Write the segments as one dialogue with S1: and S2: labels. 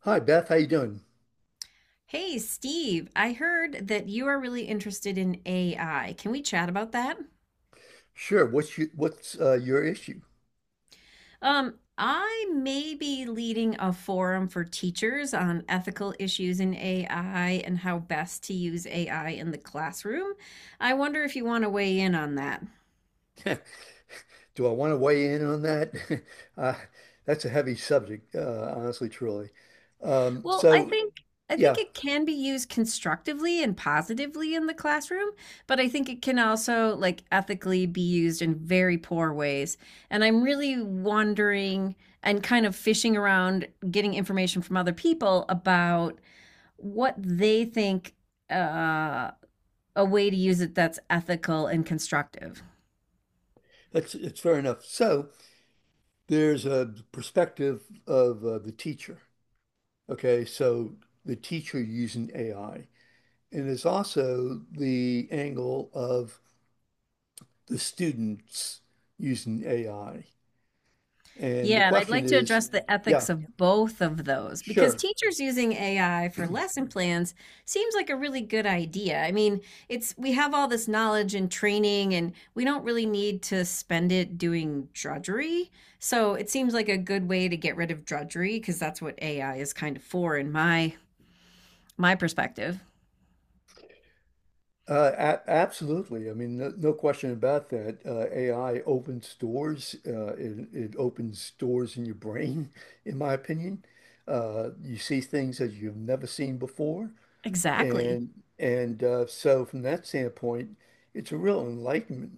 S1: Hi Beth, how you doing?
S2: Hey, Steve, I heard that you are really interested in AI. Can we chat about that?
S1: Sure. What's you, what's your issue?
S2: I may be leading a forum for teachers on ethical issues in AI and how best to use AI in the classroom. I wonder if you want to weigh in on that.
S1: Do I want to weigh in on that? uh, that's a heavy subject, honestly, truly. Um,
S2: Well, I
S1: so
S2: think I think
S1: yeah,
S2: it can be used constructively and positively in the classroom, but I think it can also like ethically be used in very poor ways. And I'm really wondering and kind of fishing around getting information from other people about what they think uh a way to use it that's ethical and constructive.
S1: that's it's fair enough. So there's a perspective of the teacher. Okay, so the teacher using AI, and there's also the angle of the students using AI. And the
S2: Yeah, and I'd
S1: question
S2: like to
S1: is,
S2: address the
S1: yeah,
S2: ethics of both of those because
S1: sure.
S2: teachers using AI for lesson plans seems like a really good idea. I mean, it's we have all this knowledge and training and we don't really need to spend it doing drudgery. So, it seems like a good way to get rid of drudgery because that's what AI is kind of for in my perspective.
S1: A Absolutely. I mean, no, no question about that. AI opens doors. It opens doors in your brain, in my opinion. You see things that you've never seen before,
S2: Exactly.
S1: and and so from that standpoint, it's a real enlightenment,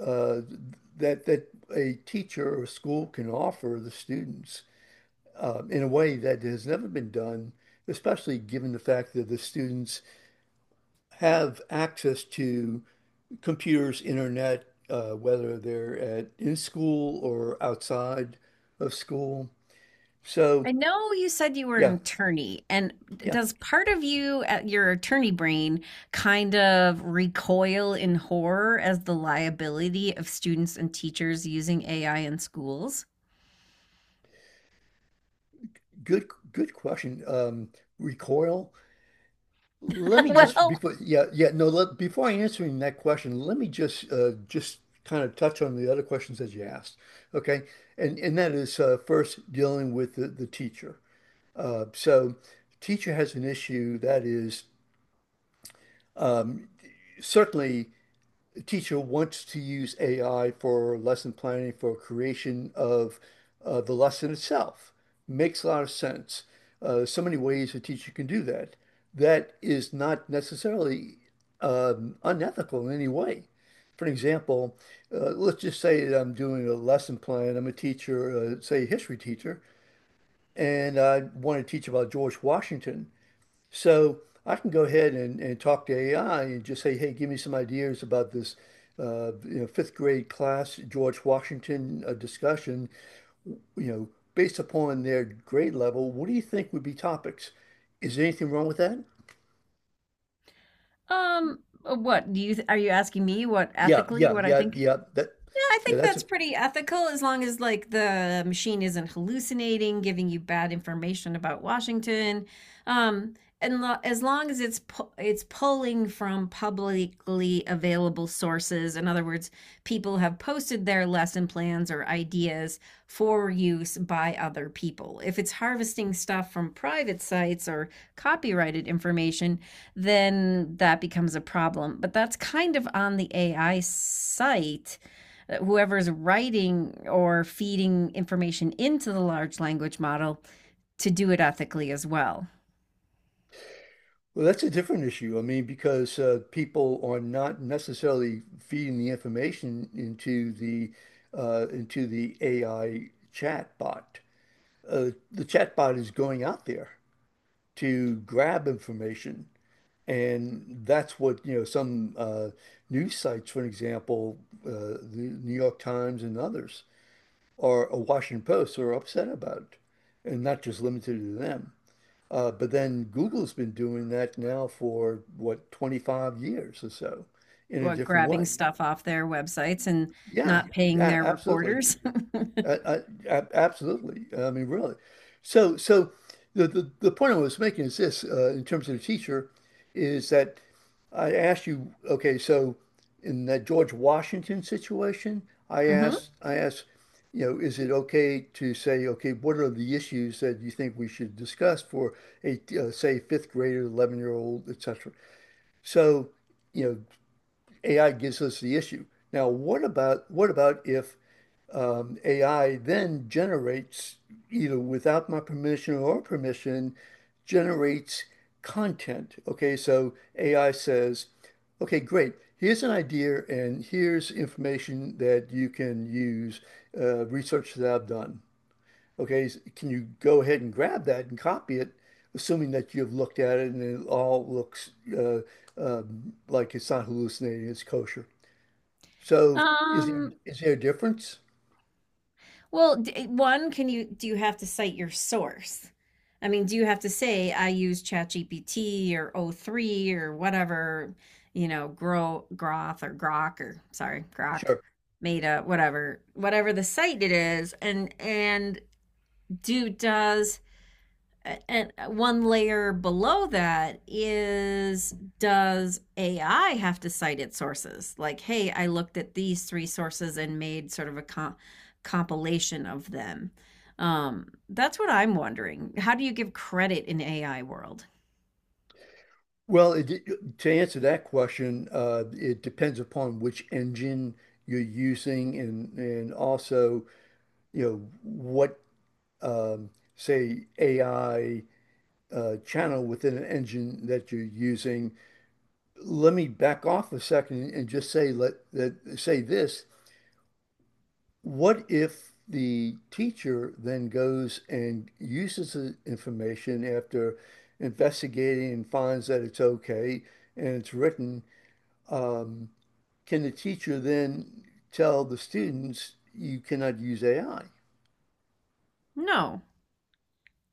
S1: uh, that that a teacher or school can offer the students, in a way that has never been done, especially given the fact that the students have access to computers, internet, whether they're at in school or outside of school. So
S2: I know you said you were an
S1: yeah,
S2: attorney, and
S1: yeah,
S2: does part of you at your attorney brain kind of recoil in horror as the liability of students and teachers using AI in schools?
S1: good question. Recoil. Let me just
S2: Well,
S1: before yeah yeah no let, Before I answering that question, let me just kind of touch on the other questions that you asked. Okay, and that is first dealing with the teacher. So teacher has an issue that is um, certainly teacher wants to use AI for lesson planning, for creation of, the lesson itself. Makes a lot of sense. So many ways a teacher can do that. That is not necessarily unethical in any way. For an example, let's just say that I'm doing a lesson plan. I'm a teacher, say a history teacher, and I want to teach about George Washington. So I can go ahead and talk to AI and just say, hey, give me some ideas about this, you know, fifth grade class George Washington discussion. You know, based upon their grade level, what do you think would be topics? Is there anything wrong with that?
S2: what do you are you asking me what
S1: Yeah,
S2: ethically
S1: yeah,
S2: what I
S1: yeah,
S2: think?
S1: yeah. That,
S2: Yeah, I
S1: yeah,
S2: think
S1: that's a
S2: that's pretty ethical as long as like the machine isn't hallucinating, giving you bad information about Washington. Um, and as long as it's pulling from publicly available sources. In other words, people have posted their lesson plans or ideas for use by other people. If it's harvesting stuff from private sites or copyrighted information, then that becomes a problem. But that's kind of on the AI site whoever's writing or feeding information into the large language model to do it ethically as well.
S1: well, that's a different issue. I mean, because people are not necessarily feeding the information into the AI chat bot. The chatbot is going out there to grab information. And that's what, you know, some, news sites, for example, the New York Times and others, or a Washington Post are upset about, and not just limited to them. But then Google's been doing that now for what, 25 years or so, in a
S2: What,
S1: different
S2: grabbing
S1: way.
S2: stuff off their websites and
S1: Yeah,
S2: not paying
S1: yeah,
S2: their
S1: absolutely.
S2: reporters?
S1: I, I, Absolutely. I mean, really. So the point I was making is this, in terms of the teacher, is that I asked you, okay, so in that George Washington situation, I
S2: hmm
S1: asked, I asked, you know, is it okay to say, okay, what are the issues that you think we should discuss for a, say, fifth grader, 11-year-old, et cetera. So, you know, AI gives us the issue. Now, what about if AI then generates, either without my permission or permission, generates content. Okay, so AI says, okay, great. Here's an idea, and here's information that you can use, research that I've done. Okay, can you go ahead and grab that and copy it, assuming that you've looked at it and it all looks, uh, like it's not hallucinating, it's kosher. So is there
S2: Um,
S1: is there a difference?
S2: well, one, can you do you have to cite your source? I mean, do you have to say I use ChatGPT or O three or whatever, you know, Gro Groth or Grok or sorry, Grok,
S1: Sure.
S2: Meta, whatever, whatever the site it is, and do does and one layer below that is does AI have to cite its sources? Like, hey, I looked at these three sources and made sort of a compilation of them. That's what I'm wondering. How do you give credit in AI world?
S1: Well, to answer that question, it depends upon which engine you're using and also, you know, what um, say AI channel within an engine that you're using. Let me back off a second and just say let that say this. What if the teacher then goes and uses the information after investigating and finds that it's okay and it's written? Um, Can the teacher then tell the students you cannot use AI?
S2: No,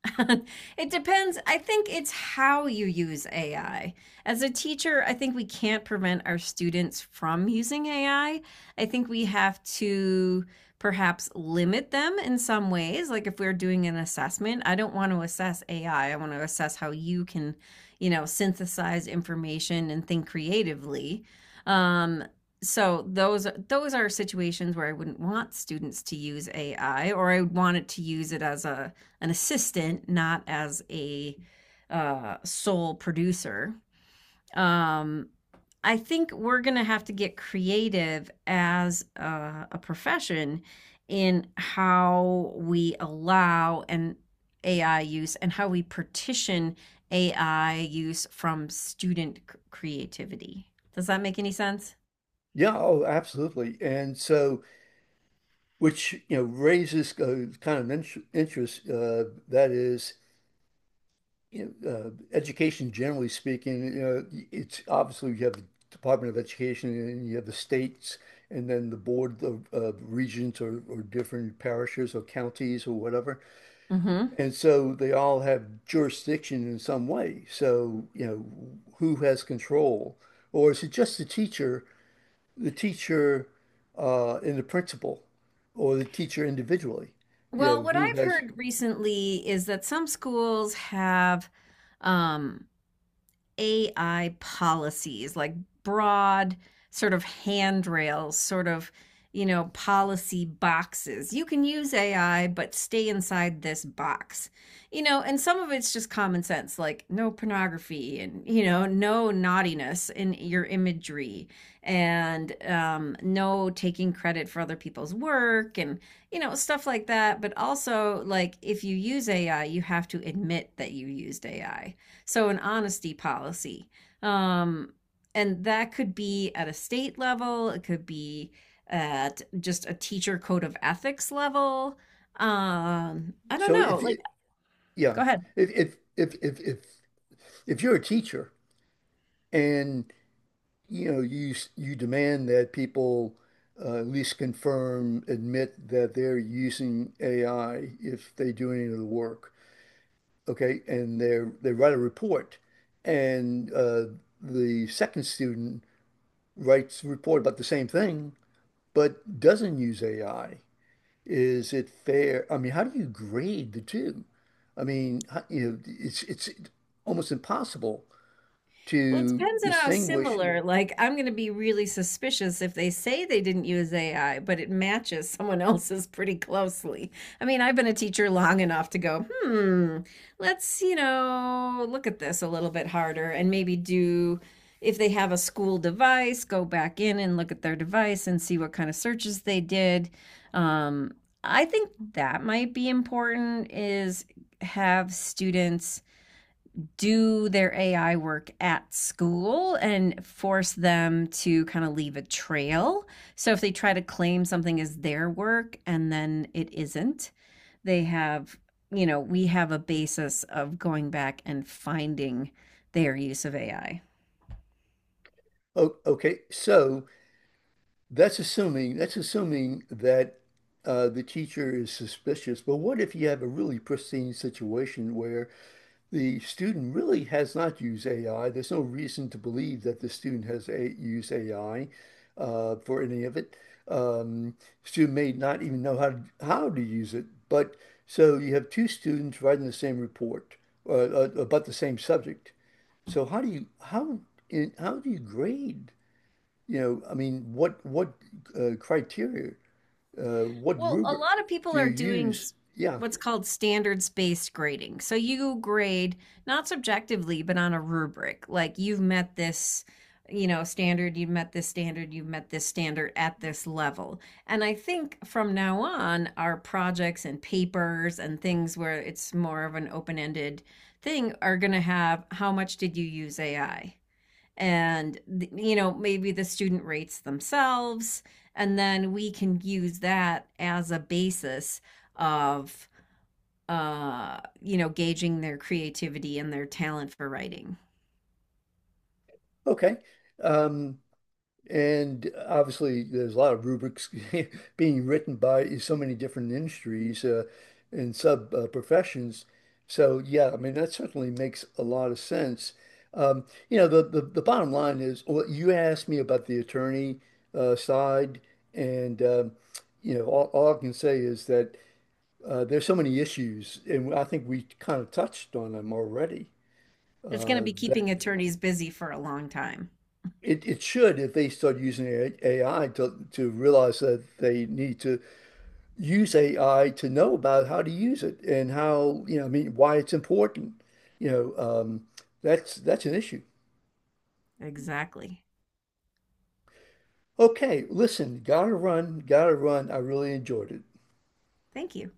S2: it depends. I think it's how you use AI. As a teacher, I think we can't prevent our students from using AI. I think we have to perhaps limit them in some ways. Like if we're doing an assessment, I don't want to assess AI. I want to assess how you can, you know, synthesize information and think creatively. Um, so those are situations where I wouldn't want students to use AI, or I would want it to use it as a an assistant, not as a sole producer. Um, I think we're going to have to get creative as a profession in how we allow an AI use and how we partition AI use from student creativity. Does that make any sense?
S1: Yeah, oh, absolutely. And so, which you know raises kind of interest, that is, you know, education generally speaking. You know, it's obviously you have the Department of Education and you have the states, and then the board of regions or different parishes or counties or whatever.
S2: Mm-hmm.
S1: And so they all have jurisdiction in some way. So, you know, who has control? Or is it just the teacher, the teacher and the principal, or the teacher individually? You know,
S2: Well, what
S1: who
S2: I've
S1: has,
S2: heard recently is that some schools have um, AI policies, like broad sort of handrails, sort of, you know, policy boxes. You can use AI, but stay inside this box. You know, and some of it's just common sense, like no pornography and, you know, no naughtiness in your imagery and no taking credit for other people's work and, you know, stuff like that. But also, like, if you use AI, you have to admit that you used AI, so an honesty policy. Um, and that could be at a state level, it could be at just a teacher code of ethics level. I don't
S1: so
S2: know.
S1: if,
S2: Like,
S1: it- Yeah,
S2: go ahead.
S1: if, if, if, if, if, if you're a teacher and, you know, you demand that people at least confirm, admit that they're using AI if they do any of the work, okay, and they write a report, and the second student writes a report about the same thing, but doesn't use AI. Is it fair? I mean, how do you grade the two? I mean, how, you know, it's almost impossible
S2: Well, it
S1: to
S2: depends on how
S1: distinguish.
S2: similar. Like, I'm going to be really suspicious if they say they didn't use AI, but it matches someone else's pretty closely. I mean, I've been a teacher long enough to go, hmm, let's, you know, look at this a little bit harder and maybe do, if they have a school device, go back in and look at their device and see what kind of searches they did. Um, I think that might be important is have students do their AI work at school and force them to kind of leave a trail. So if they try to claim something as their work and then it isn't, they have, you know, we have a basis of going back and finding their use of AI.
S1: Okay, so that's assuming that the teacher is suspicious. But what if you have a really pristine situation where the student really has not used AI. There's no reason to believe that the student has a used AI for any of it. Um, Student may not even know how to use it. But so you have two students writing the same report about the same subject. So how do you grade? You know, I mean, what criteria, what
S2: Well, a
S1: rubric
S2: lot of
S1: do
S2: people
S1: you
S2: are doing
S1: use? Yeah,
S2: what's called standards-based grading. So you grade not subjectively, but on a rubric. Like you've met this, you know, standard, you've met this standard, you've met this standard at this level. And I think from now on, our projects and papers and things where it's more of an open-ended thing are going to have how much did you use AI? And you know maybe the student rates themselves and then we can use that as a basis of you know gauging their creativity and their talent for writing.
S1: okay. Um, And obviously, there's a lot of rubrics being written by so many different industries, and sub professions. So yeah, I mean that certainly makes a lot of sense. Um, you know, the bottom line is, well, you asked me about the attorney side, and you know, all I can say is that there's so many issues, and I think we kind of touched on them already.
S2: It's going to
S1: Uh,
S2: be keeping attorneys busy for a long time.
S1: It, it should if they start using AI to realize that they need to use AI to know about how to use it and how, you know, I mean, why it's important. You know, that's an issue.
S2: Exactly.
S1: Okay, listen, gotta run, gotta run. I really enjoyed it.
S2: Thank you.